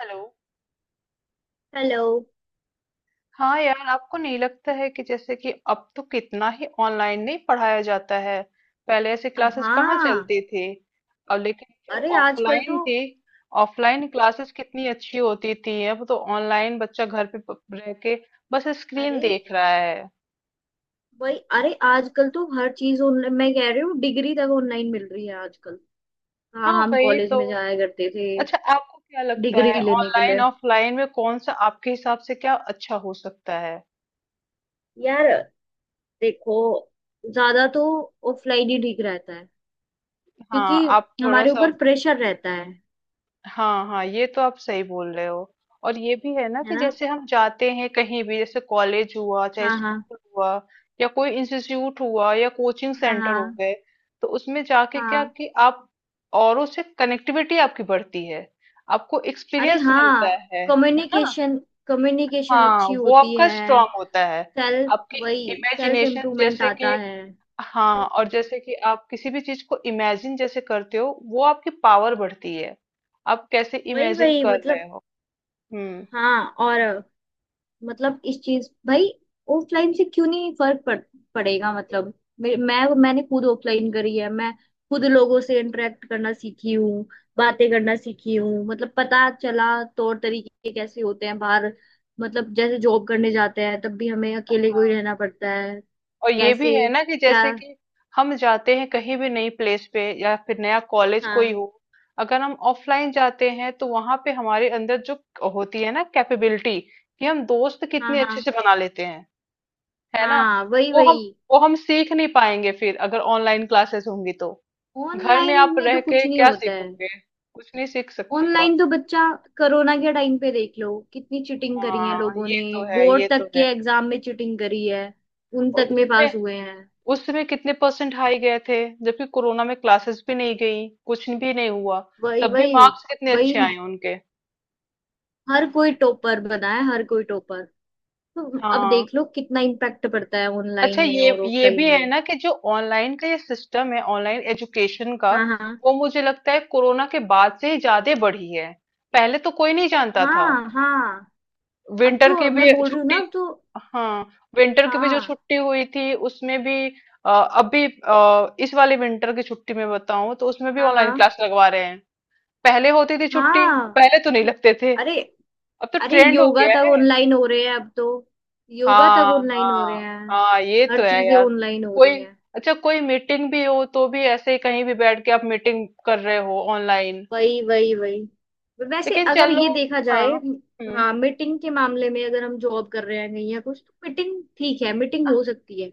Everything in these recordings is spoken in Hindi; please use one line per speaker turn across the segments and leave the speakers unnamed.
हेलो।
हेलो।
हाँ यार, आपको नहीं लगता है कि जैसे कि अब तो कितना ही ऑनलाइन नहीं पढ़ाया जाता है। पहले ऐसी क्लासेस कहाँ
हाँ।
चलती थी। और लेकिन जो
अरे आजकल
ऑफलाइन
तो,
थी, ऑफलाइन क्लासेस कितनी अच्छी होती थी। अब तो ऑनलाइन बच्चा घर पे रह के बस स्क्रीन
अरे
देख रहा है।
भाई, अरे आजकल तो हर चीज ऑनलाइन। मैं कह रही हूँ डिग्री तक ऑनलाइन मिल रही है आजकल। हाँ,
हाँ,
हम
वही
कॉलेज
तो।
में जाया करते थे।
अच्छा, आपको क्या लगता
डिग्री
है
लेने के
ऑनलाइन
लिए?
ऑफलाइन में कौन सा आपके हिसाब से क्या अच्छा हो सकता है।
यार, देखो, ज्यादा तो ऑफलाइन ही ठीक रहता है।
हाँ
क्योंकि
आप थोड़ा
हमारे
सा।
ऊपर प्रेशर रहता है
हाँ हाँ, ये तो आप सही बोल रहे हो। और ये भी है ना
है
कि
ना।
जैसे हम जाते हैं कहीं भी, जैसे कॉलेज हुआ चाहे
हाँ हाँ।
स्कूल हुआ या कोई इंस्टीट्यूट हुआ या कोचिंग
हाँ
सेंटर हो
हाँ।
गए, तो उसमें जाके क्या
हाँ।
कि आप औरों से कनेक्टिविटी आपकी बढ़ती है। आपको
अरे
एक्सपीरियंस मिलता
हाँ,
है ना।
कम्युनिकेशन। कम्युनिकेशन
हाँ,
अच्छी
वो
होती
आपका
है।
स्ट्रांग होता है।
सेल्फ।
आपकी
वही, सेल्फ
इमेजिनेशन,
इम्प्रूवमेंट
जैसे कि
आता है।
हाँ तो और जैसे कि आप किसी भी चीज को इमेजिन जैसे करते हो, वो आपकी पावर बढ़ती है। आप कैसे
वही
इमेजिन
वही,
कर
मतलब।
रहे हो। हम्म।
हाँ, और मतलब इस चीज, भाई, ऑफलाइन से क्यों नहीं फर्क पड़ेगा। मतलब मैंने खुद ऑफलाइन करी है। मैं खुद लोगों से इंटरेक्ट करना सीखी हूँ, बातें करना सीखी हूँ। मतलब पता चला तौर तरीके कैसे होते हैं बाहर। मतलब जैसे जॉब करने जाते हैं तब भी हमें अकेले को ही रहना पड़ता है।
और ये भी है
कैसे?
ना कि
क्या?
जैसे कि हम जाते हैं कहीं भी नई प्लेस पे या फिर नया कॉलेज कोई
हाँ
हो, अगर हम ऑफलाइन जाते हैं तो वहां पे हमारे अंदर जो होती है ना कैपेबिलिटी, कि हम दोस्त
हाँ।
कितने अच्छे
हाँ
से बना लेते हैं, है ना।
हाँ। वही
वो हम
वही।
वो हम सीख नहीं पाएंगे फिर, अगर ऑनलाइन क्लासेस होंगी तो। घर में
ऑनलाइन
आप
में
रह
तो
के
कुछ नहीं
क्या
होता है।
सीखोगे, कुछ नहीं सीख सकते हो।
ऑनलाइन तो बच्चा, कोरोना के टाइम पे देख लो कितनी चीटिंग करी है
हाँ
लोगों
ये
ने।
तो है, ये
बोर्ड तक
तो
के
है।
एग्जाम में चीटिंग करी है, उन
और
तक में
उसमें
पास हुए हैं।
उसमें कितने परसेंट हाई गए थे, जबकि कोरोना में क्लासेस भी नहीं गई, कुछ भी नहीं हुआ,
वही
तब भी
वही
मार्क्स कितने
वही।
अच्छे आए उनके।
हर कोई टॉपर बना है, हर कोई टॉपर। तो अब
हाँ।
देख लो कितना इम्पैक्ट पड़ता है
अच्छा,
ऑनलाइन में और
ये भी
ऑफलाइन में।
है ना कि जो ऑनलाइन का ये सिस्टम है, ऑनलाइन एजुकेशन का,
हाँ हाँ।
वो मुझे लगता है कोरोना के बाद से ही ज्यादा बढ़ी है। पहले तो कोई नहीं जानता था।
हाँ हाँ। अब
विंटर की
तो
भी
मैं बोल रही हूँ ना,
छुट्टी,
अब तो।
हाँ, विंटर की भी जो
हाँ
छुट्टी हुई थी उसमें भी, अभी इस वाले विंटर की छुट्टी में बताऊं तो उसमें भी
हाँ। हाँ
ऑनलाइन क्लास लगवा रहे हैं। पहले होती थी छुट्टी,
हाँ।
पहले तो नहीं लगते थे,
अरे।
अब तो
अरे
ट्रेंड हो
योगा
गया
तक
है।
ऑनलाइन हो रहे हैं अब तो। योगा तक
हाँ
ऑनलाइन हो रहे
हाँ
हैं।
हाँ, ये तो
हर
है
चीजें
यार।
ऑनलाइन हो रही
कोई,
हैं।
अच्छा, कोई मीटिंग भी हो तो भी ऐसे ही कहीं भी बैठ के आप मीटिंग कर रहे हो ऑनलाइन।
वही वही वही। वैसे
लेकिन
अगर
चलो,
ये देखा
हाँ,
जाए।
हम्म।
हाँ मीटिंग के मामले में, अगर हम जॉब कर रहे हैं कहीं या कुछ, तो मीटिंग ठीक है, मीटिंग हो सकती है।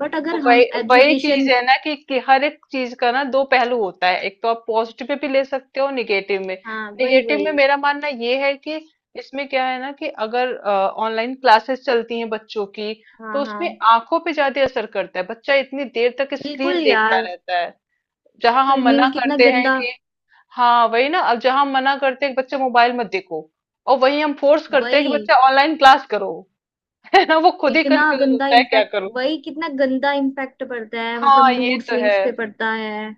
बट अगर
वही
हम
वही चीज
एजुकेशन।
है ना कि हर एक चीज का ना दो पहलू होता है, एक तो आप पॉजिटिव में भी ले सकते हो, निगेटिव में।
हाँ वही
निगेटिव
वही।
में मेरा मानना ये है कि इसमें क्या है ना कि अगर ऑनलाइन क्लासेस चलती हैं बच्चों की,
हाँ
तो
हाँ।
उसमें आंखों पे ज्यादा असर करता है, बच्चा इतनी देर तक
बिल्कुल
स्क्रीन देखता
यार।
रहता है। जहां हम मना
ट्रेनिंग कितना
करते हैं
गंदा।
कि हाँ वही ना, अब जहां हम मना करते हैं कि बच्चा मोबाइल मत देखो, और वही हम फोर्स करते हैं कि
वही,
बच्चा ऑनलाइन क्लास करो। है ना, वो खुद ही
कितना
कंफ्यूज
गंदा
होता है क्या
इम्पैक्ट,
करूं।
वही कितना गंदा इम्पैक्ट पड़ता है। मतलब
हाँ ये
मूड
तो है,
स्विंग्स पे पड़ता है।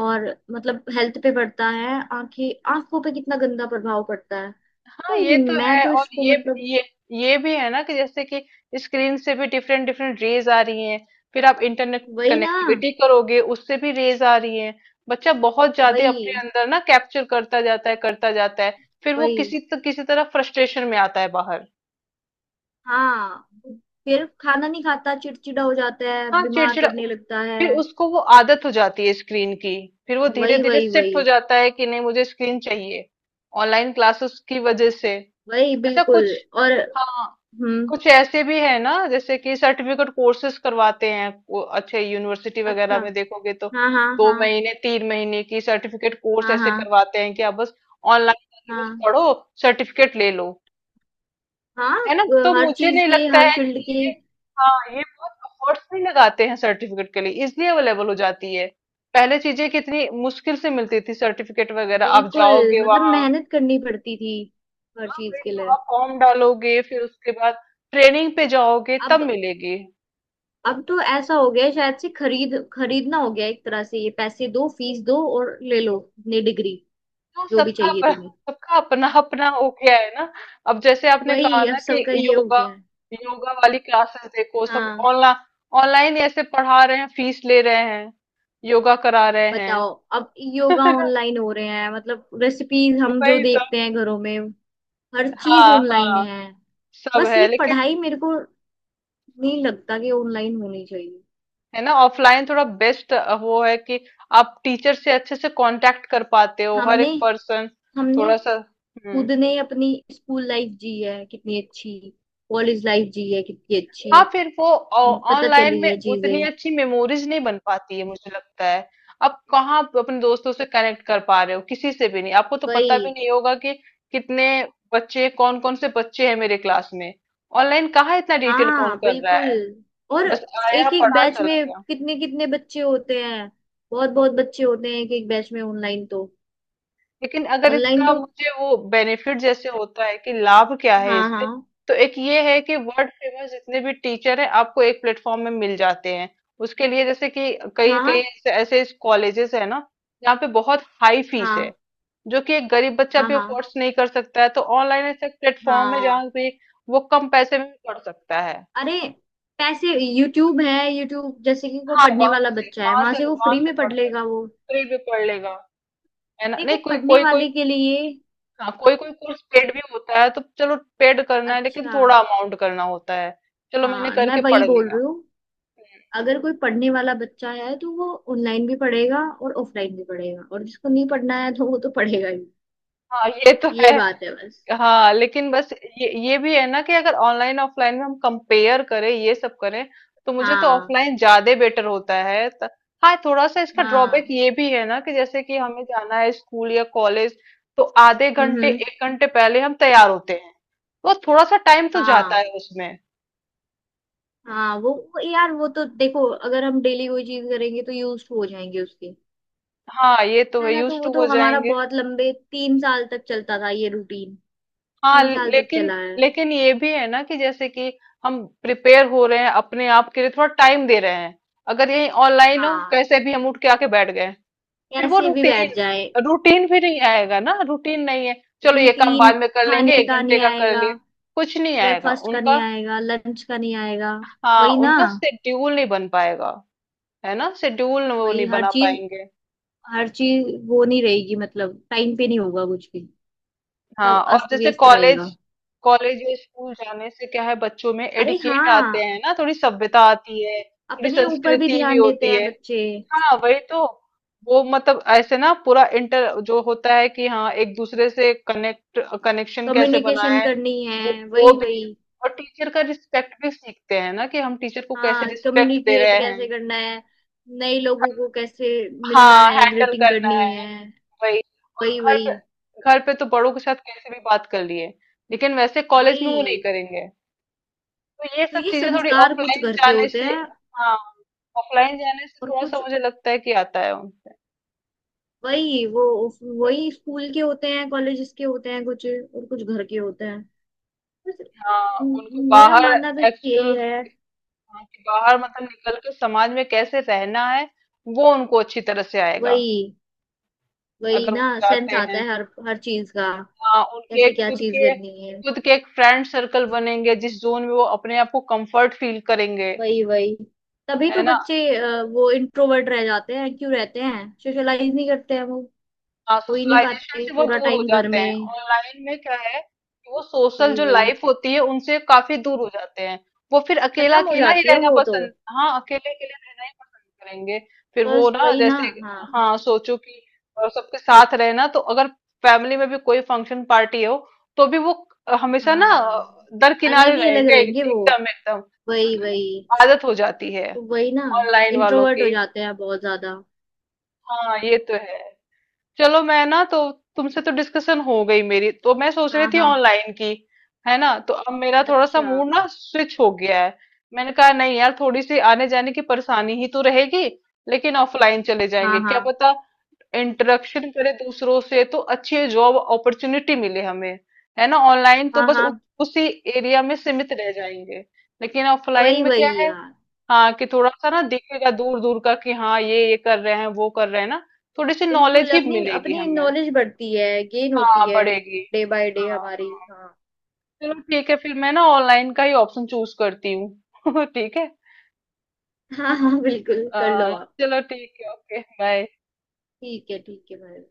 और मतलब हेल्थ पे पड़ता है। आंखें, आंखों पे कितना गंदा प्रभाव पड़ता है।
हाँ ये
तो
तो
मैं
है।
तो
और
इसको,
ये
मतलब
ये ये भी है ना कि जैसे कि स्क्रीन से भी डिफरेंट डिफरेंट रेज आ रही हैं, फिर आप इंटरनेट
वही ना।
कनेक्टिविटी करोगे उससे भी रेज आ रही हैं। बच्चा बहुत ज्यादा
वही
अपने अंदर ना कैप्चर करता जाता है। फिर वो
वही।
किसी तरह फ्रस्ट्रेशन में आता है बाहर।
हाँ, फिर खाना नहीं खाता, चिड़चिड़ा हो जाता है,
हाँ
बीमार
चिड़चिड़ा
पड़ने लगता है।
फिर उसको वो आदत हो जाती है स्क्रीन की, फिर वो धीरे
वही
धीरे
वही
शिफ्ट
वही।
हो जाता है कि नहीं मुझे स्क्रीन चाहिए, ऑनलाइन क्लासेस की वजह से।
वही
अच्छा,
बिल्कुल।
कुछ,
और।
हाँ,
हम्म।
कुछ ऐसे भी है ना जैसे कि सर्टिफिकेट कोर्सेज करवाते हैं वो अच्छे यूनिवर्सिटी
अच्छा।
वगैरह में देखोगे तो
हाँ हाँ
दो
हाँ।
महीने तीन महीने की सर्टिफिकेट कोर्स
हाँ
ऐसे
हाँ
करवाते हैं कि आप बस ऑनलाइन जाके बस
हाँ
पढ़ो, सर्टिफिकेट ले लो।
हाँ।
है ना, तो
हर
मुझे
चीज
नहीं
के,
लगता
हर
है
फील्ड
कि
के।
ये हाँ, ये बहुत अफोर्ट्स नहीं लगाते हैं, सर्टिफिकेट के लिए इजली अवेलेबल हो जाती है। पहले चीजें कितनी मुश्किल से मिलती थी, सर्टिफिकेट वगैरह आप
बिल्कुल,
जाओगे
मतलब
वहां,
मेहनत करनी पड़ती थी हर
हाँ,
चीज
फिर
के
तो
लिए।
आप फॉर्म डालोगे, फिर उसके बाद ट्रेनिंग पे जाओगे तब
अब
मिलेगी।
अब तो ऐसा हो गया है, शायद से खरीद, खरीदना हो गया है एक तरह से, ये पैसे दो फीस दो और ले लो अपनी डिग्री,
हाँ,
जो भी
सबका
चाहिए
अपना,
तुम्हें।
सबका अपना अपना हो गया है ना। अब जैसे आपने कहा
वही अब
ना कि
सबका ये हो
योगा,
गया है।
योगा वाली क्लासेस देखो सब
हाँ।
ऑनलाइन, ऑनलाइन ऐसे पढ़ा रहे हैं फीस ले रहे हैं, योगा करा रहे हैं।
बताओ। अब योगा
है ना?
ऑनलाइन हो रहे हैं, मतलब रेसिपीज हम जो
वही तो।
देखते हैं घरों में, हर चीज
हाँ
ऑनलाइन
हाँ,
है।
सब
बस
है
ये
लेकिन,
पढ़ाई मेरे को नहीं लगता कि ऑनलाइन होनी चाहिए।
है ना ऑफलाइन थोड़ा बेस्ट। वो है कि आप टीचर से अच्छे से कांटेक्ट कर पाते हो, हर
हमने
एक पर्सन
हमने
थोड़ा सा, हम्म,
खुद ने अपनी स्कूल लाइफ जी है कितनी अच्छी, कॉलेज लाइफ जी है कितनी अच्छी,
हाँ, फिर वो
पता
ऑनलाइन
चली
में
है
उतनी
चीजें।
अच्छी मेमोरीज नहीं बन पाती है, मुझे लगता है। आप कहाँ, आप अपने दोस्तों से कनेक्ट कर पा रहे हो, किसी से भी नहीं, आपको तो पता भी
वही।
नहीं होगा कि कितने बच्चे, कौन कौन से बच्चे हैं मेरे क्लास में। ऑनलाइन कहाँ इतना डिटेल कौन
हाँ
कर रहा
बिल्कुल।
है,
और
बस आया
एक एक
पढ़ा
बैच
चला
में
गया।
कितने कितने बच्चे होते हैं, बहुत बहुत बच्चे होते हैं एक एक बैच में ऑनलाइन तो।
लेकिन अगर
ऑनलाइन
इसका
तो।
मुझे वो बेनिफिट जैसे होता है कि लाभ क्या है
हाँ
इससे,
हाँ।
तो एक ये है कि वर्ल्ड फेमस जितने भी टीचर हैं आपको एक प्लेटफॉर्म में मिल जाते हैं। उसके लिए, जैसे कि, कई कई
हाँ
ऐसे ऐसे कॉलेजेस है ना जहाँ पे बहुत हाई फीस है,
हाँ
जो कि एक गरीब बच्चा
हाँ।
भी
हाँ।
अफोर्ड नहीं कर सकता है, तो ऑनलाइन ऐसा प्लेटफॉर्म है
हाँ
जहाँ पे वो कम पैसे में भी पढ़ सकता है।
अरे पैसे, यूट्यूब है, यूट्यूब जैसे कि कोई
हाँ
पढ़ने
वहां
वाला
से
बच्चा है
वहां
वहां
से
से वो
वहां
फ्री
से
में
पढ़
पढ़
सकता,
लेगा वो।
फ्री भी पढ़ लेगा। है ना,
देखो
नहीं कोई
पढ़ने
कोई कोई
वाले के लिए।
हाँ कोई कोई कोर्स पेड भी होता है तो चलो पेड करना है, लेकिन
अच्छा।
थोड़ा अमाउंट करना होता है, चलो मैंने
हाँ, मैं
करके
वही
पढ़
बोल
लिया।
रही हूँ, अगर कोई पढ़ने वाला बच्चा है तो वो ऑनलाइन भी पढ़ेगा और ऑफलाइन भी पढ़ेगा, और जिसको नहीं पढ़ना है तो वो तो पढ़ेगा ही।
हाँ ये तो है।
ये बात है बस।
हाँ लेकिन बस ये भी है ना कि अगर ऑनलाइन ऑफलाइन में हम कंपेयर करें, ये सब करें, तो मुझे तो
हाँ
ऑफलाइन ज्यादा बेटर होता है हाँ। थोड़ा सा इसका ड्रॉबैक
हाँ।
ये भी है ना कि जैसे कि हमें जाना है स्कूल या कॉलेज, तो आधे घंटे
हम्म।
एक घंटे पहले हम तैयार होते हैं, तो थोड़ा सा टाइम तो जाता
हाँ
है उसमें।
हाँ। वो यार, वो तो देखो अगर हम डेली कोई चीज करेंगे तो यूज हो जाएंगे उसके।
हाँ ये तो
है
है,
ना, तो
यूज
वो
टू हो
तो हमारा
जाएंगे।
बहुत लंबे 3 साल तक चलता था ये रूटीन।
हाँ
3 साल तक
लेकिन
चला है।
लेकिन ये भी है ना कि जैसे कि हम प्रिपेयर हो रहे हैं, अपने आप के लिए थोड़ा टाइम दे रहे हैं। अगर यही ऑनलाइन हो,
हाँ।
कैसे भी हम उठ के आके बैठ गए, फिर वो
कैसे भी बैठ
रूटीन,
जाए।
रूटीन भी नहीं आएगा ना, रूटीन नहीं है। चलो ये काम
रूटीन
बाद में कर
खाने
लेंगे, एक
का
घंटे
नहीं
का कर
आएगा,
लिए, कुछ नहीं आएगा
ब्रेकफास्ट का
उनका।
नहीं आएगा, लंच का नहीं आएगा।
हाँ,
वही ना।
उनका शेड्यूल नहीं बन पाएगा, है ना, शेड्यूल वो
वही
नहीं
हर
बना
चीज,
पाएंगे।
हर चीज वो नहीं रहेगी, मतलब टाइम पे नहीं होगा कुछ भी।
हाँ,
सब
और
अस्त
जैसे
व्यस्त रहेगा।
कॉलेज, कॉलेज या स्कूल जाने से क्या है, बच्चों में
अरे
एडिकेट आते
हाँ।
हैं ना, थोड़ी सभ्यता आती है, थोड़ी
अपने ऊपर भी
संस्कृति भी
ध्यान देते
होती
हैं
है।
बच्चे।
हाँ वही तो, वो मतलब ऐसे ना पूरा इंटर जो होता है कि हाँ एक दूसरे से कनेक्ट, कनेक्शन कैसे
कम्युनिकेशन
बनाए,
करनी
वो,
है।
वो
वही वही।
भी। और टीचर का रिस्पेक्ट भी सीखते हैं ना कि हम टीचर को कैसे
हाँ,
रिस्पेक्ट दे
कम्युनिकेट
रहे हैं।
कैसे करना है, नए लोगों को कैसे मिलना
हाँ
है,
हैंडल
ग्रीटिंग
करना
करनी
है,
है।
वही। और
वही
घर पे,
वही
घर पे तो बड़ों के साथ कैसे भी बात कर लिए, लेकिन वैसे कॉलेज में
वही।
वो नहीं करेंगे, तो ये
तो
सब
ये
चीजें थोड़ी
संस्कार कुछ
ऑफलाइन
घर के
जाने
होते
से।
हैं।
हाँ ऑफलाइन जाने से
और
थोड़ा सा
कुछ,
मुझे लगता है कि आता है उनसे।
वही वो, वही स्कूल के होते हैं, कॉलेजेस के होते हैं, कुछ और कुछ घर के होते हैं, बस।
हाँ उनको
मेरा
बाहर,
मानना तो यही
एक्चुअल,
है।
हाँ, कि बाहर मतलब निकल के समाज में कैसे रहना है, वो उनको अच्छी तरह से आएगा
वही। वही
अगर वो
ना, सेंस
जाते
आता
हैं।
है हर, हर चीज का।
हाँ, उनके
कैसे
एक
क्या
खुद
चीज
के
करनी है।
खुद के एक फ्रेंड सर्कल बनेंगे जिस जोन में वो अपने आप को कंफर्ट फील करेंगे,
वही वही। तभी
है
तो
ना।
बच्चे वो इंट्रोवर्ट रह जाते हैं, क्यों रहते हैं, सोशलाइज नहीं करते हैं वो।
हाँ
हो ही नहीं
सोशलाइजेशन
पाते,
से वो
पूरा
दूर हो
टाइम घर
जाते हैं,
में।
ऑनलाइन में क्या है कि वो सोशल
वही
जो
वही।
लाइफ होती है उनसे काफी दूर हो जाते हैं। वो फिर अकेला
खत्म हो
अकेला ही
जाती है
रहना
वो तो।
पसंद, हाँ अकेले अकेले रहना ही पसंद करेंगे। फिर वो
बस
ना
वही ना।
जैसे,
हाँ
हाँ सोचो कि सबके साथ रहना, तो अगर फैमिली में भी कोई फंक्शन पार्टी हो तो भी वो हमेशा ना
हाँ। अलग
दरकिनारे
ही अलग
रहेंगे,
रहेंगे वो।
एकदम एकदम।
वही
मतलब
वही।
आदत हो जाती है
तो वही ना।
ऑनलाइन वालों
इंट्रोवर्ट हो
की।
जाते हैं बहुत ज्यादा।
हाँ ये तो है। चलो मैं ना तो तुमसे तो डिस्कशन हो गई, मेरी तो मैं सोच रही
हाँ
थी
हाँ।
ऑनलाइन की, है ना, तो अब मेरा थोड़ा सा
अच्छा।
मूड ना स्विच हो गया है। मैंने कहा नहीं यार, थोड़ी सी आने जाने की परेशानी ही तो रहेगी, लेकिन ऑफलाइन चले
हाँ
जाएंगे क्या
हाँ।
पता, इंटरेक्शन करे दूसरों से, तो अच्छी जॉब अपॉर्चुनिटी मिले हमें। है ना, ऑनलाइन तो
हाँ
बस
हाँ।
उसी एरिया में सीमित रह जाएंगे, लेकिन ऑफलाइन
वही
में क्या
वही
है,
यार।
हाँ, कि थोड़ा सा ना दिखेगा दूर दूर का कि हाँ ये कर रहे हैं वो कर रहे हैं ना, थोड़ी सी
बिल्कुल,
नॉलेज ही
अपनी
मिलेगी
अपनी
हमें।
नॉलेज बढ़ती है, गेन होती
हाँ
है
बढ़ेगी।
डे बाय डे
हाँ
हमारी,
हाँ।
हाँ।
चलो ठीक है, फिर मैं ना ऑनलाइन का ही ऑप्शन चूज करती हूँ। ठीक है,
हाँ हाँ। बिल्कुल कर लो
अ,
आप।
चलो ठीक है, ओके, बाय।
ठीक है, ठीक है भाई।